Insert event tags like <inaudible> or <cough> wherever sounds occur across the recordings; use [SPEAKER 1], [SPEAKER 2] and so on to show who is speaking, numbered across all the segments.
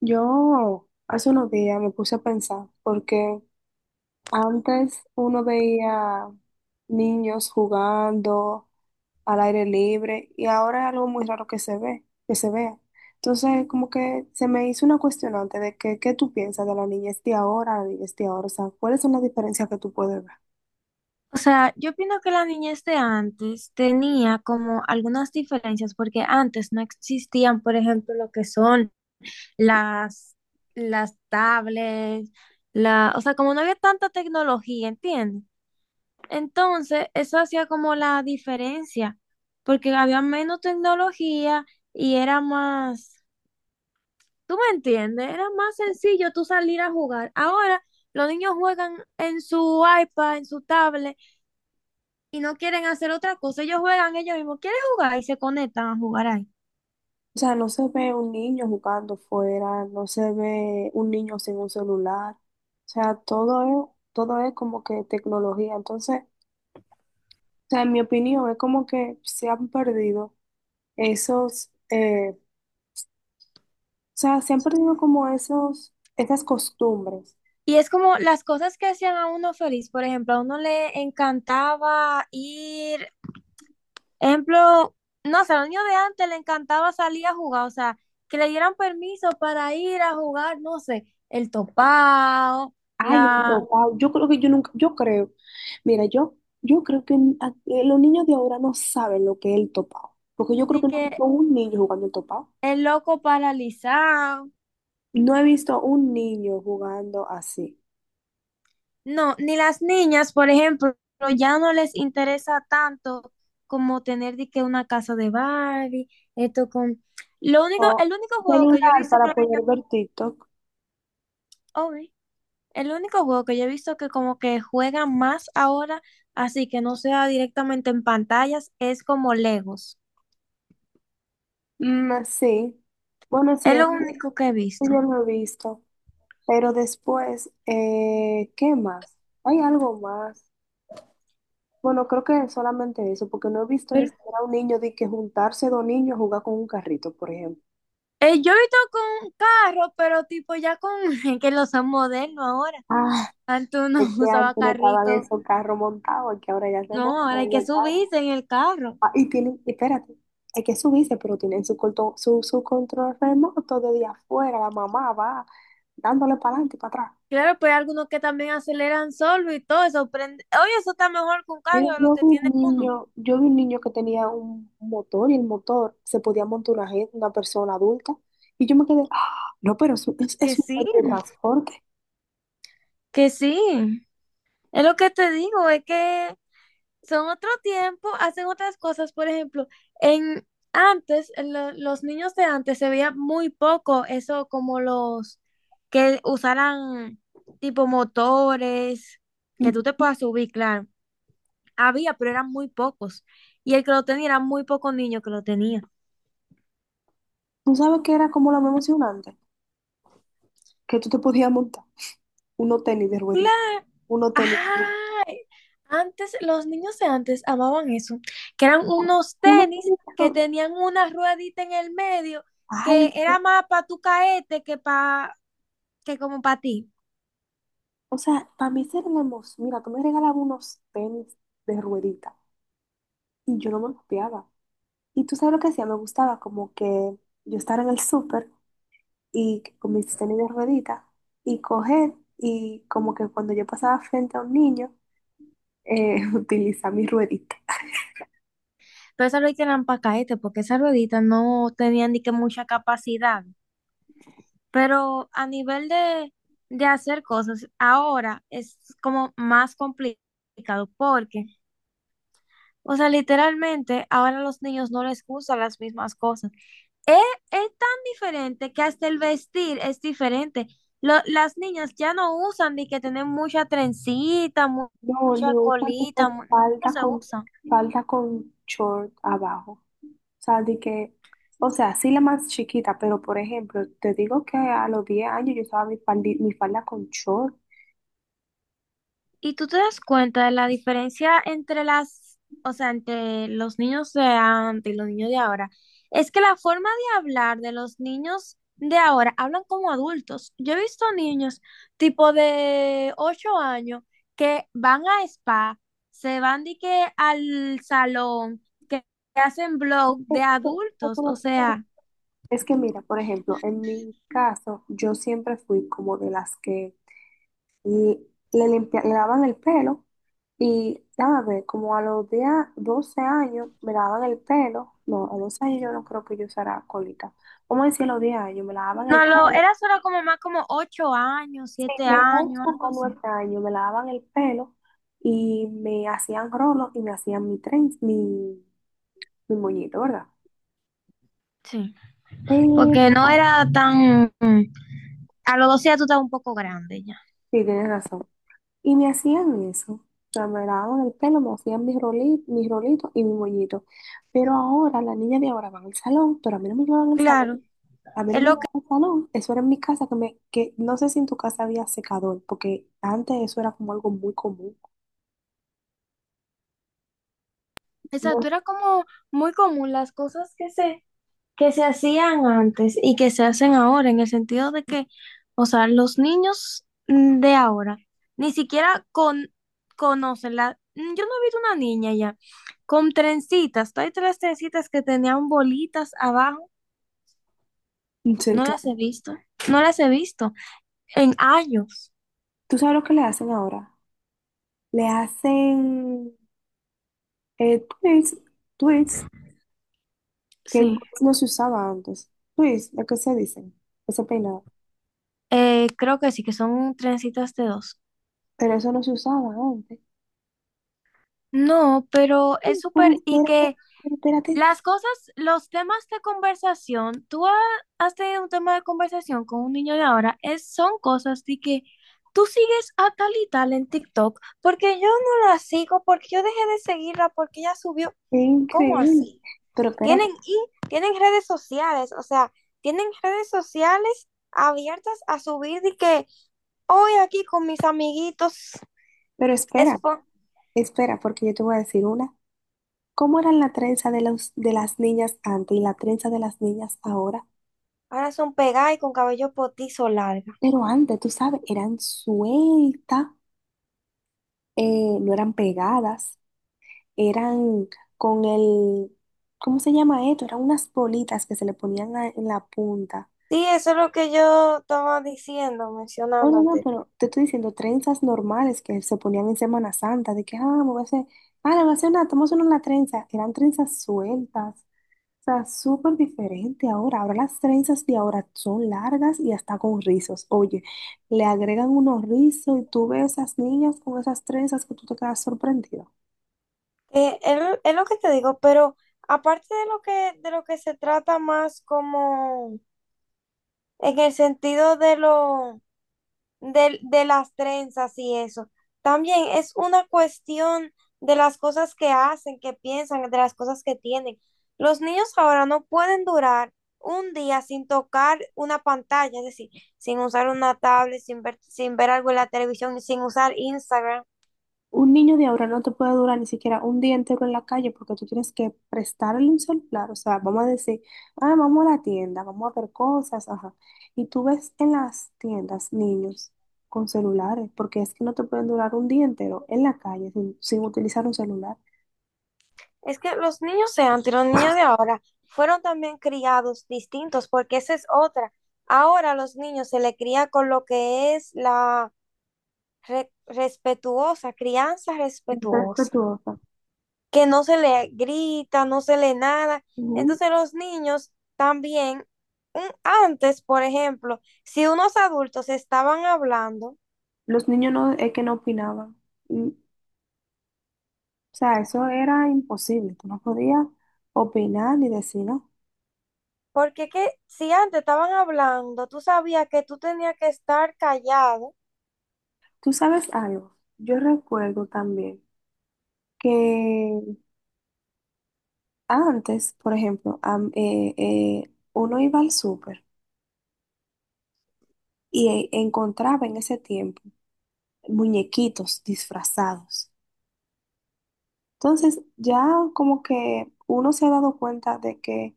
[SPEAKER 1] Yo hace unos días me puse a pensar, porque antes uno veía niños jugando al aire libre y ahora es algo muy raro que se vea. Entonces, como que se me hizo una cuestionante de que, qué tú piensas de la niñez de ahora, o sea, ¿cuáles son las diferencias que tú puedes ver?
[SPEAKER 2] O sea, yo opino que la niñez de antes tenía como algunas diferencias, porque antes no existían, por ejemplo, lo que son las, las tablets, o sea, como no había tanta tecnología, ¿entiendes? Entonces, eso hacía como la diferencia, porque había menos tecnología y era más, ¿tú me entiendes? Era más sencillo tú salir a jugar. Ahora los niños juegan en su iPad, en su tablet y no quieren hacer otra cosa. Ellos juegan ellos mismos, quieren jugar y se conectan a jugar ahí.
[SPEAKER 1] O sea, no se ve un niño jugando fuera, no se ve un niño sin un celular, o sea, todo es como que tecnología, entonces... sea, en mi opinión, es como que se han perdido esos, o sea, se han perdido como esos, esas costumbres.
[SPEAKER 2] Y es como las cosas que hacían a uno feliz. Por ejemplo, a uno le encantaba ir, ejemplo, no sé, a los niños de antes le encantaba salir a jugar, o sea, que le dieran permiso para ir a jugar, no sé, el topado,
[SPEAKER 1] Ay, el
[SPEAKER 2] la,
[SPEAKER 1] papá, yo creo que yo nunca, yo creo, mira, yo creo que los niños de ahora no saben lo que es el topado, porque yo creo
[SPEAKER 2] de
[SPEAKER 1] que no he
[SPEAKER 2] que
[SPEAKER 1] visto un niño jugando el topado.
[SPEAKER 2] el loco paralizado.
[SPEAKER 1] No he visto un niño jugando así.
[SPEAKER 2] No, ni las niñas, por ejemplo, ya no les interesa tanto como tener de que una casa de Barbie, esto con... Lo único,
[SPEAKER 1] O
[SPEAKER 2] el único juego que yo he
[SPEAKER 1] celular
[SPEAKER 2] visto que
[SPEAKER 1] para poder ver TikTok.
[SPEAKER 2] oh, eh, el único juego que yo he visto que como que juegan más ahora, así que no sea directamente en pantallas, es como Legos.
[SPEAKER 1] Mm, sí. Bueno, sí,
[SPEAKER 2] Es
[SPEAKER 1] eso
[SPEAKER 2] lo único que he visto.
[SPEAKER 1] yo lo he visto. Pero después, ¿qué más? ¿Hay algo más? Bueno, creo que es solamente eso, porque no he visto ni
[SPEAKER 2] Pero-
[SPEAKER 1] siquiera un niño de que juntarse dos niños a jugar con un carrito, por ejemplo.
[SPEAKER 2] Yo he visto con carro, pero tipo ya con <laughs> que los son modernos ahora.
[SPEAKER 1] Ah,
[SPEAKER 2] Antes uno
[SPEAKER 1] es
[SPEAKER 2] <laughs>
[SPEAKER 1] que
[SPEAKER 2] usaba
[SPEAKER 1] antes no estaban
[SPEAKER 2] carrito.
[SPEAKER 1] esos carros montados, es que ahora ya se
[SPEAKER 2] No,
[SPEAKER 1] montan
[SPEAKER 2] ahora hay que
[SPEAKER 1] los carros.
[SPEAKER 2] subirse en el carro.
[SPEAKER 1] Ah, y tienen, espérate, hay que subirse, pero tienen su control remoto desde afuera, la mamá va dándole para adelante y para atrás.
[SPEAKER 2] Claro, pues hay algunos que también aceleran solo y todo eso. Oye, eso está mejor que un
[SPEAKER 1] Mira,
[SPEAKER 2] carro de lo
[SPEAKER 1] yo
[SPEAKER 2] que
[SPEAKER 1] vi
[SPEAKER 2] tiene
[SPEAKER 1] un
[SPEAKER 2] uno.
[SPEAKER 1] niño, yo vi un niño que tenía un motor y el motor se podía montar una persona adulta y yo me quedé, "Ah, no, pero eso es,
[SPEAKER 2] Que
[SPEAKER 1] es un
[SPEAKER 2] sí,
[SPEAKER 1] medio de transporte."
[SPEAKER 2] que sí. Es lo que te digo, es que son otro tiempo, hacen otras cosas. Por ejemplo, en antes, en lo- los niños de antes se veía muy poco eso como los que usaran tipo motores, que
[SPEAKER 1] Ujú.
[SPEAKER 2] tú te puedas subir, claro. Había, pero eran muy pocos. Y el que lo tenía, eran muy pocos niños que lo tenían.
[SPEAKER 1] ¿Tú sabes qué era como lo más emocionante? Que tú te podías montar unos tenis de ruedita,
[SPEAKER 2] Claro.
[SPEAKER 1] unos tenis,
[SPEAKER 2] Ay, antes, los niños de antes amaban eso, que eran unos
[SPEAKER 1] unos
[SPEAKER 2] tenis
[SPEAKER 1] tenis de
[SPEAKER 2] que
[SPEAKER 1] ruedita.
[SPEAKER 2] tenían una ruedita en el medio,
[SPEAKER 1] Ay,
[SPEAKER 2] que era
[SPEAKER 1] no,
[SPEAKER 2] más para tu caete que pa que como para ti.
[SPEAKER 1] o sea, para mí esa era la emoción. Mira, tú me regalabas unos tenis de ruedita y yo no me los pillaba. Y tú sabes lo que hacía, me gustaba como que yo estar en el súper. Con mis tenis de rueditas y coger y como que cuando yo pasaba frente a un niño, eh, <laughs> utilizar mi ruedita.
[SPEAKER 2] Pero esas rueditas eran para caete, porque esas rueditas no tenían ni que mucha capacidad. Pero a nivel de hacer cosas, ahora es como más complicado, porque o sea, literalmente, ahora a los niños no les gustan las mismas cosas. Es, es tan diferente que hasta el vestir es diferente. Las niñas ya no usan ni que tienen mucha trencita,
[SPEAKER 1] No, ni
[SPEAKER 2] mucha
[SPEAKER 1] un
[SPEAKER 2] colita,
[SPEAKER 1] pantalón
[SPEAKER 2] no
[SPEAKER 1] falda
[SPEAKER 2] se
[SPEAKER 1] con,
[SPEAKER 2] usa.
[SPEAKER 1] short abajo. O sea, de que, o sea, sí la más chiquita, pero por ejemplo, te digo que a los 10 años yo usaba mi falda con short.
[SPEAKER 2] Y tú te das cuenta de la diferencia entre o sea, entre los niños de antes y los niños de ahora. Es que la forma de hablar de los niños de ahora hablan como adultos. Yo he visto niños tipo de 8 años que van a spa, se van de que al salón, que hacen blog de adultos. O sea,
[SPEAKER 1] Es que mira, por ejemplo, en mi caso, yo siempre fui como de las que y le, limpia, le daban el pelo y a ver, como a los 10, 12 años me daban el pelo, no, a 12 años yo no creo que yo usara colita, vamos a decir a los 10 años me lavaban el
[SPEAKER 2] no lo,
[SPEAKER 1] pelo,
[SPEAKER 2] era solo como más como 8 años,
[SPEAKER 1] sí,
[SPEAKER 2] 7
[SPEAKER 1] de
[SPEAKER 2] años,
[SPEAKER 1] 8
[SPEAKER 2] algo
[SPEAKER 1] a 9
[SPEAKER 2] así.
[SPEAKER 1] años me lavaban el pelo y me hacían rolos y me hacían mi moñito, ¿verdad?
[SPEAKER 2] Sí,
[SPEAKER 1] Pero,
[SPEAKER 2] porque no era tan a los 12 ya tú estás un poco grande ya.
[SPEAKER 1] sí, tienes razón. Y me hacían eso. O sea, me lavaban el pelo, me hacían mis rolitos y mi moñito. Pero ahora, las niñas de ahora van al salón, pero a mí no me llevaban al salón.
[SPEAKER 2] Claro,
[SPEAKER 1] A mí no
[SPEAKER 2] es
[SPEAKER 1] me
[SPEAKER 2] lo que,
[SPEAKER 1] llevaban al salón. Eso era en mi casa, que no sé si en tu casa había secador, porque antes eso era como algo muy común.
[SPEAKER 2] exacto,
[SPEAKER 1] No.
[SPEAKER 2] era como muy común las cosas que se hacían antes y que se hacen ahora, en el sentido de que, o sea, los niños de ahora ni siquiera conocen yo no he visto una niña ya, con trencitas, hay tres trencitas que tenían bolitas abajo,
[SPEAKER 1] Sí,
[SPEAKER 2] no las
[SPEAKER 1] claro.
[SPEAKER 2] he visto, no las he visto en años,
[SPEAKER 1] ¿Tú sabes lo que le hacen ahora? Le hacen tweets, tweets, que
[SPEAKER 2] sí,
[SPEAKER 1] no se usaba antes. Tweets, lo que se dicen, ese peinado.
[SPEAKER 2] creo que sí, que son trencitas de dos.
[SPEAKER 1] Pero eso no se usaba antes.
[SPEAKER 2] No, pero es
[SPEAKER 1] Pero
[SPEAKER 2] súper, y
[SPEAKER 1] espérate,
[SPEAKER 2] que
[SPEAKER 1] pero espérate,
[SPEAKER 2] las cosas, los temas de conversación, has tenido un tema de conversación con un niño de ahora, son cosas de que tú sigues a tal y tal en TikTok, porque yo no la sigo, porque yo dejé de seguirla, porque ella subió.
[SPEAKER 1] es
[SPEAKER 2] ¿Cómo
[SPEAKER 1] increíble.
[SPEAKER 2] así?
[SPEAKER 1] Pero espérate,
[SPEAKER 2] Tienen, y tienen redes sociales, o sea, tienen redes sociales abiertas a subir de que hoy aquí con mis amiguitos,
[SPEAKER 1] pero
[SPEAKER 2] es,
[SPEAKER 1] espera,
[SPEAKER 2] po-
[SPEAKER 1] porque yo te voy a decir una. ¿Cómo eran la trenza de los, de las niñas antes y la trenza de las niñas ahora?
[SPEAKER 2] ahora son pegadas y con cabello potizo largo.
[SPEAKER 1] Pero antes, tú sabes, eran sueltas, no eran pegadas, eran con el, ¿cómo se llama esto? Eran unas bolitas que se le ponían en la punta.
[SPEAKER 2] Sí, eso es lo que yo estaba diciendo,
[SPEAKER 1] No,
[SPEAKER 2] mencionando
[SPEAKER 1] no, no,
[SPEAKER 2] antes.
[SPEAKER 1] pero te estoy diciendo trenzas normales que se ponían en Semana Santa, de que, ah, me voy a hacer, ah, le voy a hacer una, estamos en una trenza. Eran trenzas sueltas, o sea, súper diferente ahora. Ahora las trenzas de ahora son largas y hasta con rizos. Oye, le agregan unos rizos y tú ves esas niñas con esas trenzas que tú te quedas sorprendida.
[SPEAKER 2] Eh, es, es lo que te digo, pero aparte de lo que se trata más como en el sentido de las trenzas y eso, también es una cuestión de las cosas que hacen, que piensan, de las cosas que tienen. Los niños ahora no pueden durar un día sin tocar una pantalla, es decir, sin usar una tablet, sin ver algo en la televisión, sin usar Instagram.
[SPEAKER 1] Un niño de ahora no te puede durar ni siquiera un día entero en la calle porque tú tienes que prestarle un celular. O sea, vamos a decir, ah, vamos a la tienda, vamos a ver cosas, ajá. Y tú ves en las tiendas niños con celulares porque es que no te pueden durar un día entero en la calle sin utilizar un celular.
[SPEAKER 2] Es que los niños de antes, los niños de ahora, fueron también criados distintos, porque esa es otra. Ahora a los niños se le cría con lo que es la respetuosa, crianza
[SPEAKER 1] Es
[SPEAKER 2] respetuosa,
[SPEAKER 1] respetuosa.
[SPEAKER 2] que no se le grita, no se le nada.
[SPEAKER 1] Ujú.
[SPEAKER 2] Entonces los niños también, antes, por ejemplo, si unos adultos estaban hablando,
[SPEAKER 1] Los niños no, es que no opinaban. Mm, o sea, eso era imposible. Tú no podías opinar ni decir, no.
[SPEAKER 2] porque que si antes estaban hablando, tú sabías que tú tenías que estar callado,
[SPEAKER 1] Tú sabes algo. Yo recuerdo también que antes, por ejemplo, uno iba al súper y encontraba en ese tiempo muñequitos disfrazados. Entonces, ya como que uno se ha dado cuenta de que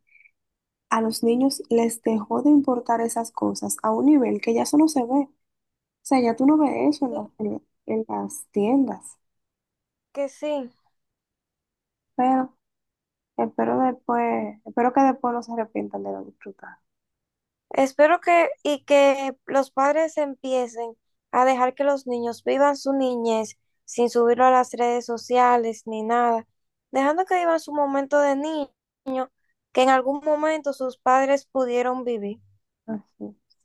[SPEAKER 1] a los niños les dejó de importar esas cosas a un nivel que ya eso no se ve. O sea, ya tú no ves eso en las tiendas.
[SPEAKER 2] que sí.
[SPEAKER 1] Pero espero después, espero que después no se arrepientan de lo disfrutado.
[SPEAKER 2] Espero que los padres empiecen a dejar que los niños vivan su niñez sin subirlo a las redes sociales ni nada, dejando que vivan su momento de niño que en algún momento sus padres pudieron vivir.
[SPEAKER 1] Así.